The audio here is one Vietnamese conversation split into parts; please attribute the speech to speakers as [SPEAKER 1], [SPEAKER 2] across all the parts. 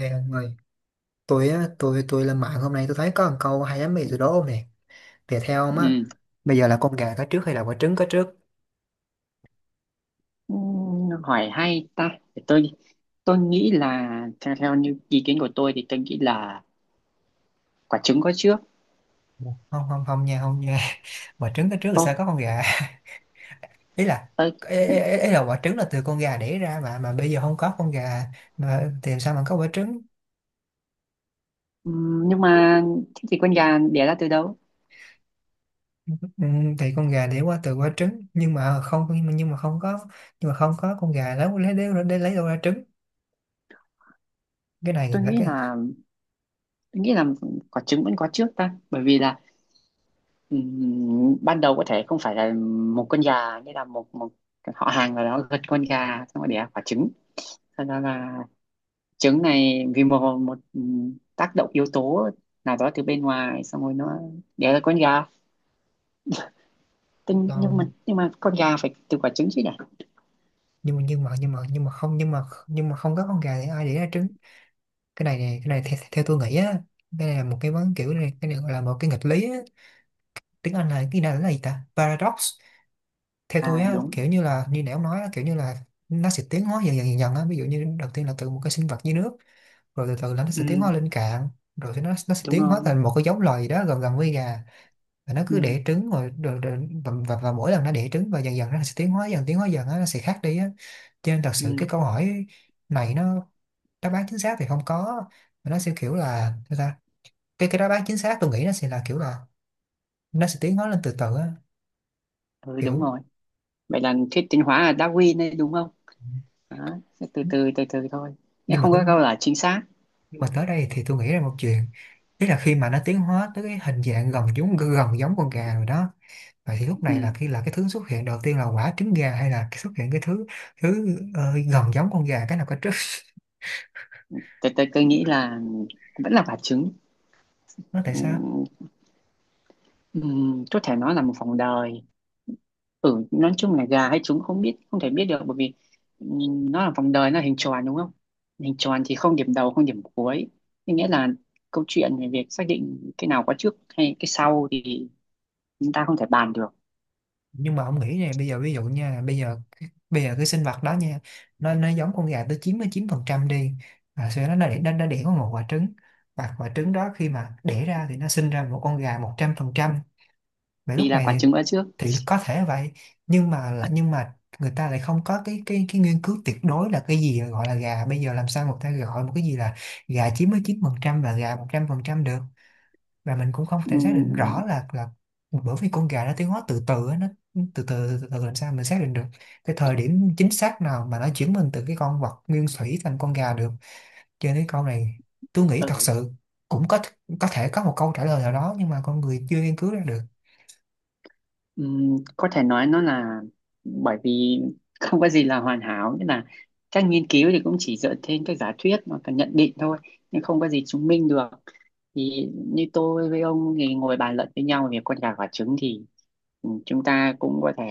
[SPEAKER 1] Này ông ơi, tôi á, tôi lên mạng hôm nay tôi thấy có một câu hay lắm bây giờ đó ông nè. Thì theo ông á,
[SPEAKER 2] Ừ,
[SPEAKER 1] bây giờ là con gà có trước hay là quả trứng có trước?
[SPEAKER 2] ừ, hỏi hay ta. Để tôi nghĩ là theo theo như ý kiến của tôi thì tôi nghĩ là quả trứng có trước.
[SPEAKER 1] Không, không, không nha, không nha. Quả trứng có trước thì sao
[SPEAKER 2] ô
[SPEAKER 1] có con gà? Ý là
[SPEAKER 2] tôi,
[SPEAKER 1] ý, ý, ý ý là quả trứng là từ con gà đẻ ra mà bây giờ không có con gà mà thì làm sao mà có quả trứng?
[SPEAKER 2] nhưng mà thế thì con gà đẻ ra từ đâu?
[SPEAKER 1] Ừ, thì con gà đẻ qua từ quả trứng nhưng mà không có nhưng mà không có con gà lấy đâu ra trứng. Cái này
[SPEAKER 2] tôi
[SPEAKER 1] là
[SPEAKER 2] nghĩ
[SPEAKER 1] cái
[SPEAKER 2] là tôi nghĩ là quả trứng vẫn có trước ta, bởi vì là ban đầu có thể không phải là một con gà, nghĩa là một một họ hàng nào đó gật con gà xong rồi đẻ quả trứng. Sau đó là trứng này vì một một tác động yếu tố nào đó từ bên ngoài, xong rồi nó đẻ ra con gà tinh. nhưng mà
[SPEAKER 1] đâu.
[SPEAKER 2] nhưng mà con gà phải từ quả trứng chứ nhỉ?
[SPEAKER 1] Nhưng mà nhưng mà nhưng mà nhưng mà không nhưng mà nhưng mà không có con gà thì ai để ra trứng? Cái này nè, cái này theo, theo tôi nghĩ á, cái này là một cái kiểu này, cái này gọi là một cái nghịch lý á. Tiếng Anh là cái này là gì ta, paradox? Theo
[SPEAKER 2] À
[SPEAKER 1] tôi á,
[SPEAKER 2] đúng.
[SPEAKER 1] kiểu như là như nãy ông nói á, kiểu như là nó sẽ tiến hóa dần dần á, ví dụ như đầu tiên là từ một cái sinh vật dưới nước, rồi từ từ là nó sẽ tiến
[SPEAKER 2] Ừ,
[SPEAKER 1] hóa lên cạn, rồi thì nó sẽ
[SPEAKER 2] đúng
[SPEAKER 1] tiến hóa
[SPEAKER 2] rồi
[SPEAKER 1] thành một cái giống loài gì đó gần gần với gà, và nó
[SPEAKER 2] ừ,
[SPEAKER 1] cứ đẻ trứng rồi và mỗi lần nó đẻ trứng và dần dần nó sẽ tiến hóa dần, tiến hóa dần á, nó sẽ khác đi á. Cho nên thật sự
[SPEAKER 2] ừ,
[SPEAKER 1] cái câu hỏi này nó đáp án chính xác thì không có, mà nó sẽ kiểu là sao ta, cái đáp án chính xác tôi nghĩ nó sẽ là kiểu là nó sẽ tiến hóa lên từ từ á
[SPEAKER 2] Ừ, đúng
[SPEAKER 1] kiểu.
[SPEAKER 2] rồi. Vậy là thuyết tiến hóa là Darwin đấy đúng không? Đó, sẽ từ từ từ từ thôi, nhưng
[SPEAKER 1] nhưng mà
[SPEAKER 2] không có câu
[SPEAKER 1] tính-
[SPEAKER 2] là chính xác.
[SPEAKER 1] nhưng mà tới đây thì tôi nghĩ ra một chuyện, tức là khi mà nó tiến hóa tới cái hình dạng gần giống con gà rồi đó, vậy thì lúc này là
[SPEAKER 2] ừ.
[SPEAKER 1] khi là cái thứ xuất hiện đầu tiên là quả trứng gà hay là cái xuất hiện cái thứ thứ ờ, gần giống con gà, cái nào cái trước?
[SPEAKER 2] Tôi nghĩ là vẫn là quả trứng.
[SPEAKER 1] Nó tại
[SPEAKER 2] ừ,
[SPEAKER 1] sao?
[SPEAKER 2] ừ, có thể nói là một vòng đời. Ừ, nói chung là gà hay trứng không biết, không thể biết được, bởi vì nó là vòng đời, nó là hình tròn đúng không? Hình tròn thì không điểm đầu không điểm cuối, thế nghĩa là câu chuyện về việc xác định cái nào có trước hay cái sau thì chúng ta không thể bàn được.
[SPEAKER 1] Nhưng mà ông nghĩ này, bây giờ ví dụ nha, là bây giờ, bây giờ cái sinh vật đó nha, nó giống con gà tới 99 phần trăm đi, sau đó nó đẻ nó đẻ có một quả trứng, và quả trứng đó khi mà đẻ ra thì nó sinh ra một con gà 100 phần trăm. Vậy
[SPEAKER 2] Vì
[SPEAKER 1] lúc
[SPEAKER 2] là
[SPEAKER 1] này
[SPEAKER 2] quả trứng có trước.
[SPEAKER 1] thì có thể vậy, nhưng mà là nhưng mà người ta lại không có cái nghiên cứu tuyệt đối là cái gì gọi là gà, bây giờ làm sao người ta gọi một cái gì là gà 99 phần trăm và gà 100 phần trăm được, và mình cũng không thể xác định rõ
[SPEAKER 2] Ừm,
[SPEAKER 1] là bởi vì con gà nó tiến hóa từ từ á, nó từ từ, từ từ làm sao mình xác định được cái thời điểm chính xác nào mà nó chuyển mình từ cái con vật nguyên thủy thành con gà được. Cho nên câu này tôi nghĩ thật
[SPEAKER 2] ừ,
[SPEAKER 1] sự cũng có thể có một câu trả lời nào đó nhưng mà con người chưa nghiên cứu ra được.
[SPEAKER 2] có thể nói nó là, bởi vì không có gì là hoàn hảo, nghĩa là các nghiên cứu thì cũng chỉ dựa trên các giả thuyết và cả nhận định thôi, nhưng không có gì chứng minh được. Thì như tôi với ông thì ngồi bàn luận với nhau về con gà quả trứng thì ừ, chúng ta cũng có thể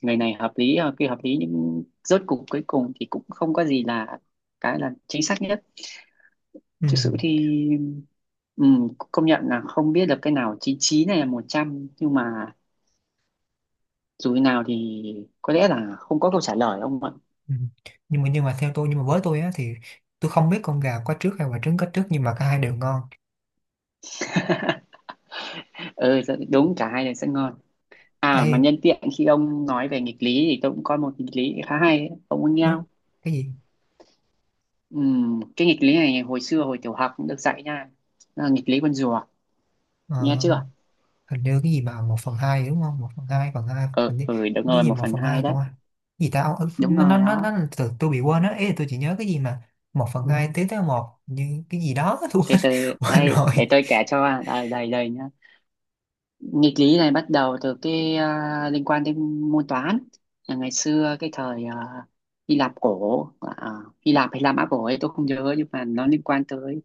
[SPEAKER 2] người này hợp lý người kia hợp lý, nhưng rốt cuộc cuối cùng thì cũng không có gì là cái là chính xác nhất.
[SPEAKER 1] Ừ.
[SPEAKER 2] Thực sự thì ừ, công nhận là không biết được cái nào 99 này là một trăm, nhưng mà dù thế nào thì có lẽ là không có câu trả lời ông ạ.
[SPEAKER 1] Ừ. Nhưng mà theo tôi nhưng mà với tôi á thì tôi không biết con gà có trước hay quả trứng có trước, nhưng mà cả hai đều ngon.
[SPEAKER 2] Ừ dạ, đúng, cả hai đều sẽ ngon. À
[SPEAKER 1] Ê,
[SPEAKER 2] mà nhân tiện khi ông nói về nghịch lý thì tôi cũng có một nghịch lý khá hay ấy. Ông muốn nghe?
[SPEAKER 1] nó, cái gì?
[SPEAKER 2] Ừ, cái nghịch lý này hồi xưa hồi tiểu học cũng được dạy nha. Nó là nghịch lý con rùa.
[SPEAKER 1] Ờ,
[SPEAKER 2] Nghe chưa?
[SPEAKER 1] hình như cái gì mà một phần hai đúng không, một phần hai
[SPEAKER 2] Ừ,
[SPEAKER 1] hình như
[SPEAKER 2] ừ đúng
[SPEAKER 1] cái
[SPEAKER 2] rồi,
[SPEAKER 1] gì
[SPEAKER 2] một
[SPEAKER 1] một
[SPEAKER 2] phần
[SPEAKER 1] phần
[SPEAKER 2] hai
[SPEAKER 1] hai
[SPEAKER 2] đấy.
[SPEAKER 1] không à? Gì ta? Ờ,
[SPEAKER 2] Đúng
[SPEAKER 1] nó nó
[SPEAKER 2] rồi
[SPEAKER 1] nó, nó
[SPEAKER 2] đó.
[SPEAKER 1] từ tôi bị quên á, ý là tôi chỉ nhớ cái gì mà một phần, Ừ, hai tiến tới một như cái gì đó. Tôi
[SPEAKER 2] Từ
[SPEAKER 1] quên,
[SPEAKER 2] từ,
[SPEAKER 1] quên
[SPEAKER 2] đây
[SPEAKER 1] rồi.
[SPEAKER 2] để tôi kể cho, đây đây đây nhá. Nghịch lý này bắt đầu từ cái liên quan đến môn toán, là ngày xưa cái thời à, Hy Lạp cổ, Hy Lạp hay La Mã cổ ấy tôi không nhớ, nhưng mà nó liên quan tới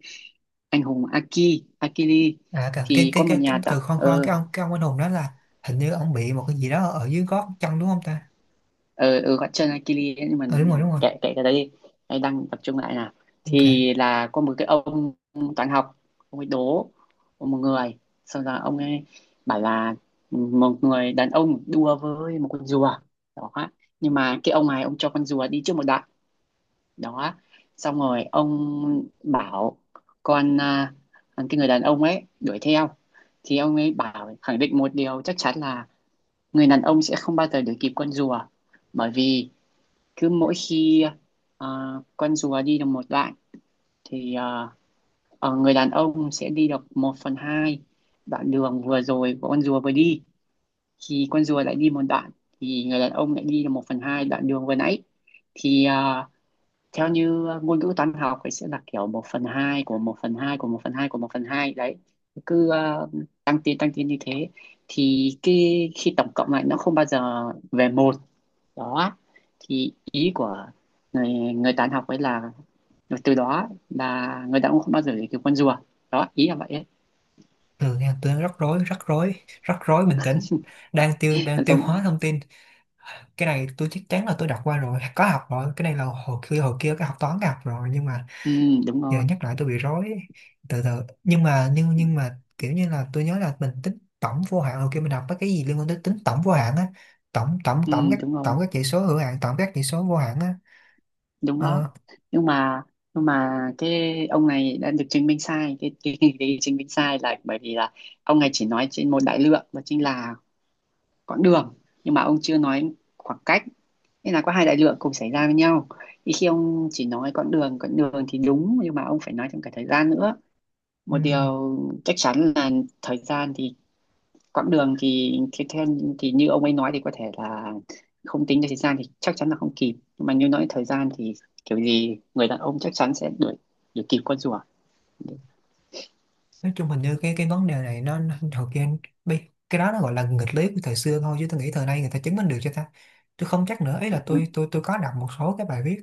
[SPEAKER 2] anh hùng Akili.
[SPEAKER 1] À cả
[SPEAKER 2] Thì có một
[SPEAKER 1] cái
[SPEAKER 2] nhà tạo,
[SPEAKER 1] từ, khoan khoan cái ông anh hùng đó là hình như ông bị một cái gì đó ở dưới gót chân đúng không ta?
[SPEAKER 2] ừ, ừ vẫn chơi Akili ấy, nhưng mà
[SPEAKER 1] Ừ, đúng rồi.
[SPEAKER 2] kệ kệ cái đấy đi. Đây, đang tập trung lại nào.
[SPEAKER 1] Ok,
[SPEAKER 2] Thì là có một cái ông toán học, ông ấy đố một người. Sau đó ông ấy bảo là một người đàn ông đua với một con rùa. Đó, nhưng mà cái ông này ông cho con rùa đi trước một đoạn. Đó, xong rồi ông bảo con à, cái người đàn ông ấy đuổi theo, thì ông ấy bảo khẳng định một điều chắc chắn là người đàn ông sẽ không bao giờ đuổi kịp con rùa, bởi vì cứ mỗi khi à, con rùa đi được một đoạn thì người đàn ông sẽ đi được một phần hai đoạn đường vừa rồi của con rùa vừa đi. Thì con rùa lại đi một đoạn, thì người đàn ông lại đi được một phần hai đoạn đường vừa nãy. Thì theo như ngôn ngữ toán học ấy sẽ là kiểu một phần hai của một phần hai của một phần hai của một phần hai đấy, cứ tăng tiến như thế, thì cái khi tổng cộng lại nó không bao giờ về một. Đó, thì ý của người người toán học ấy là từ đó là người ta cũng không bao giờ để cái con rùa. Đó ý là vậy ấy.
[SPEAKER 1] từ nha, tôi đang rắc rối, bình tĩnh, đang
[SPEAKER 2] Nó
[SPEAKER 1] tiêu hóa
[SPEAKER 2] giống,
[SPEAKER 1] thông tin. Cái này tôi chắc chắn là tôi đọc qua rồi, có học rồi, cái này là hồi kia cái học toán cái học rồi, nhưng mà
[SPEAKER 2] ừ, đúng
[SPEAKER 1] giờ
[SPEAKER 2] rồi.
[SPEAKER 1] nhắc lại tôi bị rối ấy. Từ từ. Nhưng mà kiểu như là tôi nhớ là mình tính tổng vô hạn hồi kia, mình đọc mấy cái gì liên quan tới tính tổng vô hạn á, tổng tổng
[SPEAKER 2] Ừ, đúng rồi,
[SPEAKER 1] tổng các chỉ số hữu hạn, tổng các chỉ số vô hạn á.
[SPEAKER 2] đúng đó.
[SPEAKER 1] Ờ,
[SPEAKER 2] Nhưng mà cái ông này đã được chứng minh sai. Cái chứng minh sai là bởi vì là ông này chỉ nói trên một đại lượng và chính là quãng đường, nhưng mà ông chưa nói khoảng cách. Nên là có hai đại lượng cùng xảy ra với nhau, thì khi ông chỉ nói quãng đường thì đúng, nhưng mà ông phải nói trong cả thời gian nữa. Một
[SPEAKER 1] ừm,
[SPEAKER 2] điều chắc chắn là thời gian thì quãng đường thì theo thì như ông ấy nói thì có thể là không tính đến thời gian thì chắc chắn là không kịp, nhưng mà như nói thời gian thì kiểu gì người đàn ông chắc chắn sẽ đuổi đuổi kịp con rùa.
[SPEAKER 1] nói chung hình như cái vấn đề này nó hồi kia, bi- cái đó nó gọi là nghịch lý của thời xưa thôi chứ tôi nghĩ thời nay người ta chứng minh được cho ta. Tôi không chắc nữa ấy, là tôi có đọc một số cái bài viết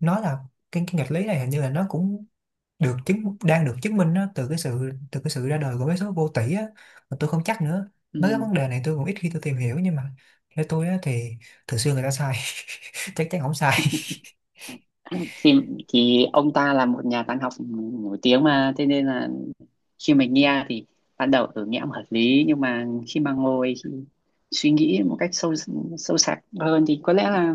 [SPEAKER 1] nói là cái nghịch lý này hình như là nó cũng được chứng đang được chứng minh á, từ cái sự ra đời của vé số vô tỷ á, mà tôi không chắc nữa. Nói cái
[SPEAKER 2] Ừ.
[SPEAKER 1] vấn đề này tôi cũng ít khi tôi tìm hiểu, nhưng mà theo tôi á, thì thường xưa người ta sai, chắc chắn không sai.
[SPEAKER 2] Thì ông ta là một nhà toán học nổi tiếng mà, thế nên là khi mình nghe thì ban đầu tưởng nghe cũng hợp lý, nhưng mà khi mà ngồi khi suy nghĩ một cách sâu sâu sắc hơn thì có lẽ là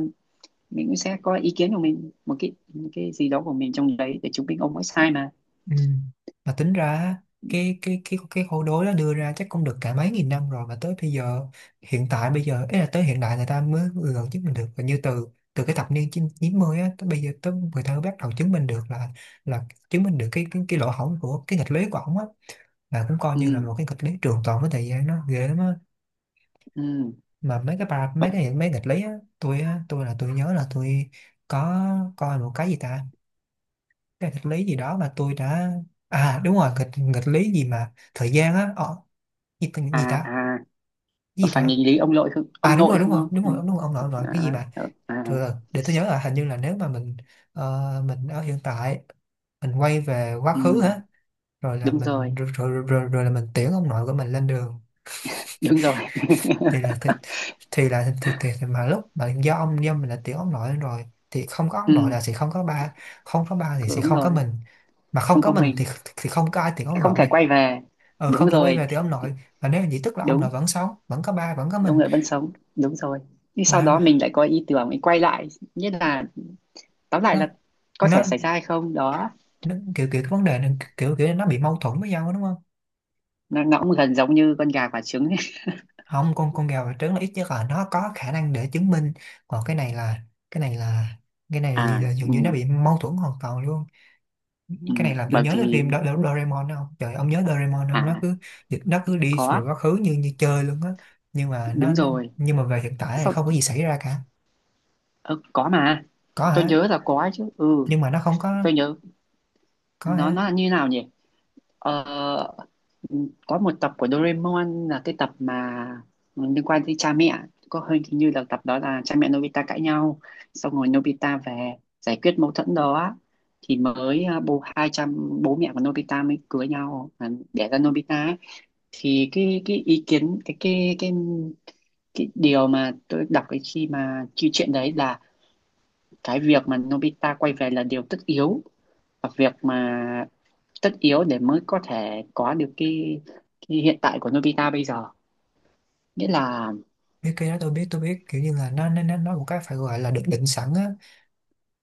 [SPEAKER 2] mình cũng sẽ có ý kiến của mình, một cái gì đó của mình trong đấy để chứng minh ông ấy sai mà.
[SPEAKER 1] Ừ. Mà tính ra á, cái câu đối đó đưa ra chắc cũng được cả mấy nghìn năm rồi, mà tới bây giờ hiện tại bây giờ ấy là tới hiện đại người ta mới vừa gần chứng minh được, và như từ từ cái thập niên 90 á tới bây giờ tới người ta mới bắt đầu chứng minh được là chứng minh được cái lỗ hổng của cái nghịch lý của ổng á, là cũng coi như là
[SPEAKER 2] Ừ.
[SPEAKER 1] một cái nghịch lý trường tồn với thời gian nó ghê lắm á.
[SPEAKER 2] Ừ.
[SPEAKER 1] Mà mấy cái ba mấy
[SPEAKER 2] Ông-
[SPEAKER 1] cái mấy nghịch lý á, tôi á, tôi nhớ là tôi có coi một cái gì ta, cái nghịch lý gì đó mà tôi đã, à đúng rồi, nghịch nghịch lý gì mà thời gian á, ờ, gì, gì
[SPEAKER 2] à
[SPEAKER 1] ta?
[SPEAKER 2] à
[SPEAKER 1] Cái
[SPEAKER 2] có
[SPEAKER 1] gì
[SPEAKER 2] phải nghịch
[SPEAKER 1] ta?
[SPEAKER 2] lý ông nội không?
[SPEAKER 1] À,
[SPEAKER 2] Ông
[SPEAKER 1] đúng
[SPEAKER 2] nội
[SPEAKER 1] rồi đúng
[SPEAKER 2] không
[SPEAKER 1] rồi
[SPEAKER 2] không
[SPEAKER 1] đúng
[SPEAKER 2] ừ.
[SPEAKER 1] rồi đúng rồi ông nội ông
[SPEAKER 2] à,
[SPEAKER 1] nội cái gì mà
[SPEAKER 2] ờ, à
[SPEAKER 1] rồi để tôi nhớ là hình như là nếu mà mình ờ, mình ở hiện tại, mình quay về quá
[SPEAKER 2] ừ.
[SPEAKER 1] khứ hả, rồi là
[SPEAKER 2] Đúng rồi
[SPEAKER 1] mình rồi là mình tiễn ông nội của mình lên đường,
[SPEAKER 2] đúng rồi.
[SPEAKER 1] thì là thì là thì mà lúc mà do ông do mình là tiểu ông nội rồi thì không có ông nội
[SPEAKER 2] Ừ.
[SPEAKER 1] là sẽ không có ba, không có ba thì sẽ
[SPEAKER 2] Đúng
[SPEAKER 1] không có
[SPEAKER 2] rồi,
[SPEAKER 1] mình, mà không
[SPEAKER 2] không
[SPEAKER 1] có
[SPEAKER 2] có
[SPEAKER 1] mình
[SPEAKER 2] mình,
[SPEAKER 1] thì không có ai tiểu ông
[SPEAKER 2] không thể
[SPEAKER 1] nội,
[SPEAKER 2] quay về.
[SPEAKER 1] ờ
[SPEAKER 2] Đúng
[SPEAKER 1] không thể quay
[SPEAKER 2] rồi.
[SPEAKER 1] về tiểu ông nội. Mà nếu vậy tức là ông nội
[SPEAKER 2] Đúng,
[SPEAKER 1] vẫn sống, vẫn có ba, vẫn có
[SPEAKER 2] ông
[SPEAKER 1] mình.
[SPEAKER 2] nội vẫn sống đúng rồi, nhưng sau
[SPEAKER 1] Mà
[SPEAKER 2] đó mình lại có ý tưởng mình quay lại, nghĩa là tóm lại là
[SPEAKER 1] nó,
[SPEAKER 2] có thể
[SPEAKER 1] nó,
[SPEAKER 2] xảy ra hay không đó.
[SPEAKER 1] nó kiểu kiểu cái vấn đề này kiểu kiểu nó bị mâu thuẫn với nhau đó, đúng không?
[SPEAKER 2] Nó cũng gần giống như con gà quả trứng ấy.
[SPEAKER 1] Không, con con gà và trứng là ít nhất là nó có khả năng để chứng minh, còn cái này là cái này là cái này là
[SPEAKER 2] à
[SPEAKER 1] gì là dường
[SPEAKER 2] ừ,
[SPEAKER 1] như nó bị mâu thuẫn hoàn toàn luôn.
[SPEAKER 2] ừ,
[SPEAKER 1] Cái này làm tôi
[SPEAKER 2] Bởi
[SPEAKER 1] nhớ tới
[SPEAKER 2] vì
[SPEAKER 1] phim Do Do Doraemon đó không, trời, ông nhớ Doraemon không, nó
[SPEAKER 2] à
[SPEAKER 1] cứ nó cứ đi
[SPEAKER 2] có.
[SPEAKER 1] về quá khứ như như chơi luôn á. nhưng mà nó,
[SPEAKER 2] Đúng
[SPEAKER 1] nó
[SPEAKER 2] rồi.
[SPEAKER 1] nhưng mà về hiện tại thì
[SPEAKER 2] Sau,
[SPEAKER 1] không có gì xảy ra cả.
[SPEAKER 2] ờ, có mà.
[SPEAKER 1] Có
[SPEAKER 2] Tôi
[SPEAKER 1] hả?
[SPEAKER 2] nhớ là có ấy chứ, ừ.
[SPEAKER 1] Nhưng mà nó không có.
[SPEAKER 2] Tôi nhớ
[SPEAKER 1] Có
[SPEAKER 2] nó
[SPEAKER 1] hả?
[SPEAKER 2] nó là như nào nhỉ? Ờ, có một tập của Doraemon là cái tập mà liên quan tới cha mẹ, có hơi như là tập đó là cha mẹ Nobita cãi nhau, xong rồi Nobita về giải quyết mâu thuẫn đó, thì mới à, bố hai cha bố mẹ của Nobita mới cưới nhau, đẻ ra Nobita ấy. Thì cái ý kiến cái điều mà tôi đọc khi mà chi chuyện đấy là cái việc mà Nobita quay về là điều tất yếu, và việc mà tất yếu để mới có thể có được cái hiện tại của Nobita bây giờ, nghĩa là
[SPEAKER 1] Biết cái đó tôi biết, tôi biết kiểu như là nó một cái phải gọi là được định sẵn á.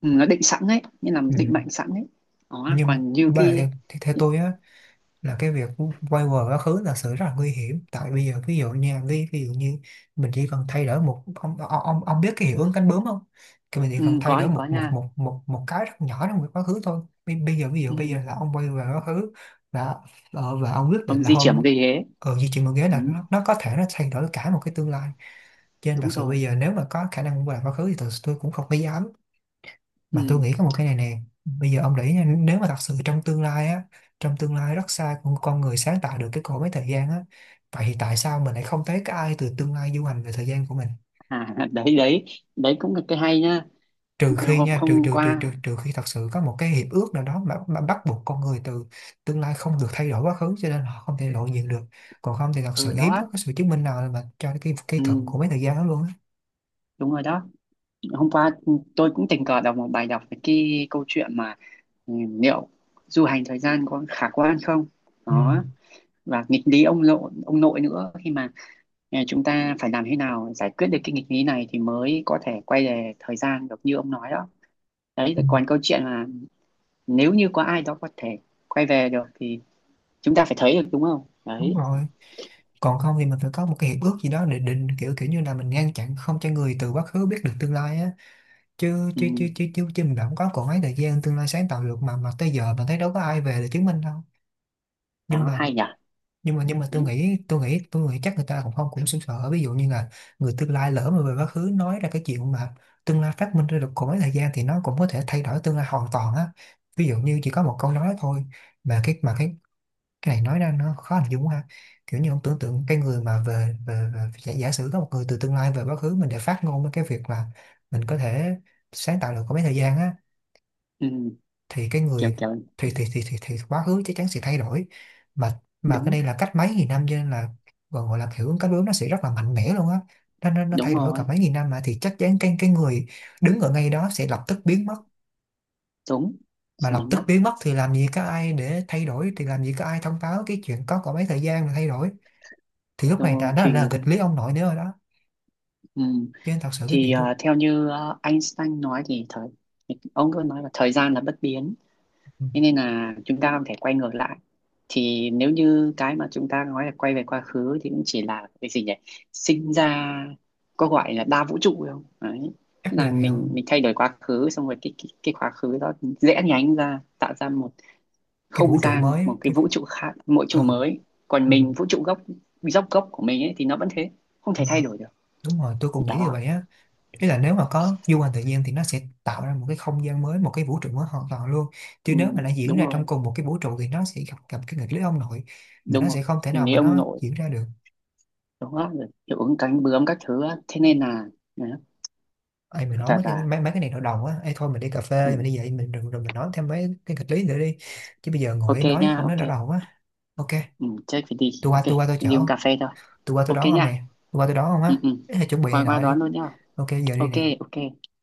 [SPEAKER 2] ừ, nó định sẵn đấy, nghĩa là
[SPEAKER 1] Ừ.
[SPEAKER 2] định mệnh sẵn đấy. Đó
[SPEAKER 1] Nhưng
[SPEAKER 2] còn như
[SPEAKER 1] mà
[SPEAKER 2] cái,
[SPEAKER 1] theo tôi á là cái việc quay về quá khứ là sự rất là nguy hiểm. Tại bây giờ ví dụ nha, ví dụ như mình chỉ cần thay đổi một ông biết cái hiệu ứng cánh bướm không? Thì mình chỉ
[SPEAKER 2] ừ,
[SPEAKER 1] cần thay
[SPEAKER 2] có
[SPEAKER 1] đổi
[SPEAKER 2] thì có
[SPEAKER 1] một một
[SPEAKER 2] nha.
[SPEAKER 1] một một một cái rất nhỏ trong quá khứ thôi. Bây giờ ví dụ
[SPEAKER 2] Ừ,
[SPEAKER 1] bây giờ là ông quay về quá khứ và và ông quyết định
[SPEAKER 2] ông
[SPEAKER 1] là
[SPEAKER 2] di chuyển một
[SPEAKER 1] hôm
[SPEAKER 2] cái ghế.
[SPEAKER 1] ở di chuyển một ghế
[SPEAKER 2] Ừ,
[SPEAKER 1] là nó có thể nó thay đổi cả một cái tương lai. Cho nên thật
[SPEAKER 2] đúng
[SPEAKER 1] sự
[SPEAKER 2] rồi.
[SPEAKER 1] bây giờ nếu mà có khả năng quay lại quá khứ thì thật sự tôi cũng không có dám. Mà tôi
[SPEAKER 2] Ừ.
[SPEAKER 1] nghĩ có một cái này nè, bây giờ ông để ý nha, nếu mà thật sự trong tương lai á, trong tương lai rất xa con người sáng tạo được cái cỗ máy thời gian á, vậy thì tại sao mình lại không thấy cái ai từ tương lai du hành về thời gian của mình?
[SPEAKER 2] À đấy đấy, đấy cũng là cái hay nha.
[SPEAKER 1] Trừ khi
[SPEAKER 2] Hôm
[SPEAKER 1] nha, trừ
[SPEAKER 2] Hôm
[SPEAKER 1] trừ trừ
[SPEAKER 2] qua,
[SPEAKER 1] trừ trừ khi thật sự có một cái hiệp ước nào đó mà bắt buộc con người từ tương lai không được thay đổi quá khứ cho nên họ không thể lộ diện được. Còn không thì thật
[SPEAKER 2] ừ
[SPEAKER 1] sự hiếm
[SPEAKER 2] đó,
[SPEAKER 1] có cái sự chứng minh nào mà cho cái
[SPEAKER 2] ừ,
[SPEAKER 1] thuật của mấy thời gian đó luôn á.
[SPEAKER 2] đúng rồi đó. Hôm qua tôi cũng tình cờ đọc một bài đọc về cái câu chuyện mà ừ, liệu du hành thời gian có khả quan không. Đó, và nghịch lý ông nội nữa, khi mà ờ, chúng ta phải làm thế nào giải quyết được cái nghịch lý này thì mới có thể quay về thời gian được như ông nói đó. Đấy
[SPEAKER 1] Ừ.
[SPEAKER 2] còn câu chuyện là nếu như có ai đó có thể quay về được thì chúng ta phải thấy được đúng không
[SPEAKER 1] Đúng
[SPEAKER 2] đấy.
[SPEAKER 1] rồi, còn không thì mình phải có một cái hiệp ước gì đó để định kiểu kiểu như là mình ngăn chặn không cho người từ quá khứ biết được tương lai á. chứ
[SPEAKER 2] Ừ,
[SPEAKER 1] chứ chứ chứ chứ, chứ mình không có còn mấy thời gian tương lai sáng tạo được mà tới giờ mình thấy đâu có ai về để chứng minh đâu. Nhưng
[SPEAKER 2] đó
[SPEAKER 1] mà
[SPEAKER 2] hay nhỉ.
[SPEAKER 1] tôi
[SPEAKER 2] Đấy,
[SPEAKER 1] nghĩ tôi nghĩ tôi nghĩ chắc người ta cũng không cũng sững sờ. Ví dụ như là người tương lai lỡ mà về quá khứ nói ra cái chuyện mà tương lai phát minh ra được còn mấy thời gian thì nó cũng có thể thay đổi tương lai hoàn toàn á. Ví dụ như chỉ có một câu nói thôi mà cái này nói ra nó khó hình dung quá ha. Kiểu như ông tưởng tượng cái người mà về giả sử có một người từ tương lai về quá khứ mình để phát ngôn với cái việc mà mình có thể sáng tạo được có mấy thời gian á,
[SPEAKER 2] ừ,
[SPEAKER 1] thì cái
[SPEAKER 2] kiểu
[SPEAKER 1] người
[SPEAKER 2] kiểu.
[SPEAKER 1] thì quá khứ chắc chắn sẽ thay đổi. Mà cái
[SPEAKER 2] Đúng,
[SPEAKER 1] đây là cách mấy nghìn năm cho nên là gọi gọi là hiệu ứng cảm bướm, nó sẽ rất là mạnh mẽ luôn á. Nó
[SPEAKER 2] đúng
[SPEAKER 1] thay đổi cả
[SPEAKER 2] rồi.
[SPEAKER 1] mấy nghìn năm mà thì chắc chắn cái người đứng ở ngay đó sẽ lập tức biến mất.
[SPEAKER 2] Đúng,
[SPEAKER 1] Mà
[SPEAKER 2] suy
[SPEAKER 1] lập
[SPEAKER 2] nghĩ
[SPEAKER 1] tức
[SPEAKER 2] mất.
[SPEAKER 1] biến mất thì làm gì có ai để thay đổi, thì làm gì có ai thông báo cái chuyện có mấy thời gian mà thay đổi. Thì lúc này đã
[SPEAKER 2] Đôi
[SPEAKER 1] đã là
[SPEAKER 2] khi,
[SPEAKER 1] nghịch lý ông nội nữa rồi đó.
[SPEAKER 2] ừ.
[SPEAKER 1] Cho nên thật sự cái
[SPEAKER 2] Thì
[SPEAKER 1] việc du.
[SPEAKER 2] theo như Einstein nói thì ông cứ nói là thời gian là bất biến,
[SPEAKER 1] Ừ,
[SPEAKER 2] thế nên là chúng ta không thể quay ngược lại. Thì nếu như cái mà chúng ta nói là quay về quá khứ thì cũng chỉ là cái gì nhỉ, sinh ra, có gọi là đa vũ trụ không đấy. Tức
[SPEAKER 1] chắc
[SPEAKER 2] là
[SPEAKER 1] là vậy
[SPEAKER 2] mình
[SPEAKER 1] không?
[SPEAKER 2] mình thay đổi quá khứ, xong rồi cái quá khứ đó rẽ nhánh ra, tạo ra một
[SPEAKER 1] Cái
[SPEAKER 2] không
[SPEAKER 1] vũ trụ
[SPEAKER 2] gian, một
[SPEAKER 1] mới á,
[SPEAKER 2] một cái
[SPEAKER 1] cái
[SPEAKER 2] vũ trụ khác, mỗi
[SPEAKER 1] ừ,
[SPEAKER 2] trụ mới. Còn
[SPEAKER 1] ừ,
[SPEAKER 2] mình vũ trụ gốc, gốc của mình ấy thì nó vẫn thế, không
[SPEAKER 1] ừ.
[SPEAKER 2] thể thay đổi được.
[SPEAKER 1] Đúng rồi, tôi cũng nghĩ như
[SPEAKER 2] Đó,
[SPEAKER 1] vậy á. Ý là nếu mà có du hành tự nhiên thì nó sẽ tạo ra một cái không gian mới, một cái vũ trụ mới hoàn toàn luôn.
[SPEAKER 2] ừ,
[SPEAKER 1] Chứ nếu mà nó diễn
[SPEAKER 2] đúng
[SPEAKER 1] ra
[SPEAKER 2] rồi
[SPEAKER 1] trong cùng một cái vũ trụ thì nó sẽ gặp gặp cái nghịch lý ông nội mà
[SPEAKER 2] đúng
[SPEAKER 1] nó
[SPEAKER 2] rồi.
[SPEAKER 1] sẽ không thể
[SPEAKER 2] Mình
[SPEAKER 1] nào
[SPEAKER 2] lấy
[SPEAKER 1] mà
[SPEAKER 2] ông
[SPEAKER 1] nó
[SPEAKER 2] nội,
[SPEAKER 1] diễn ra được.
[SPEAKER 2] đó rồi hiệu ứng cánh bướm các thứ á. Thế nên là đấy,
[SPEAKER 1] Ai
[SPEAKER 2] thú
[SPEAKER 1] mình nói
[SPEAKER 2] thật
[SPEAKER 1] mấy cái
[SPEAKER 2] là
[SPEAKER 1] mấy cái này đầu đầu á, ai thôi mình đi cà
[SPEAKER 2] ừ.
[SPEAKER 1] phê mình đi vậy mình, rồi mình nói thêm mấy cái nghịch lý nữa đi. Chứ bây giờ
[SPEAKER 2] Ok
[SPEAKER 1] ngồi nói
[SPEAKER 2] nha,
[SPEAKER 1] không nói
[SPEAKER 2] ok.
[SPEAKER 1] đau đầu á. OK.
[SPEAKER 2] Ừ, chết phải đi,
[SPEAKER 1] tôi qua
[SPEAKER 2] ok.
[SPEAKER 1] tôi qua tôi
[SPEAKER 2] Đi đi uống
[SPEAKER 1] chở.
[SPEAKER 2] cà phê thôi.
[SPEAKER 1] Tôi qua tôi
[SPEAKER 2] Ok
[SPEAKER 1] đón ông
[SPEAKER 2] nha.
[SPEAKER 1] nè. Tôi qua tôi đón ông
[SPEAKER 2] Ừ,
[SPEAKER 1] á.
[SPEAKER 2] ừ.
[SPEAKER 1] Ê, chuẩn bị này
[SPEAKER 2] Qua qua
[SPEAKER 1] nọ đi.
[SPEAKER 2] đón luôn nha.
[SPEAKER 1] OK giờ đi
[SPEAKER 2] Ok.
[SPEAKER 1] nè.
[SPEAKER 2] Ok.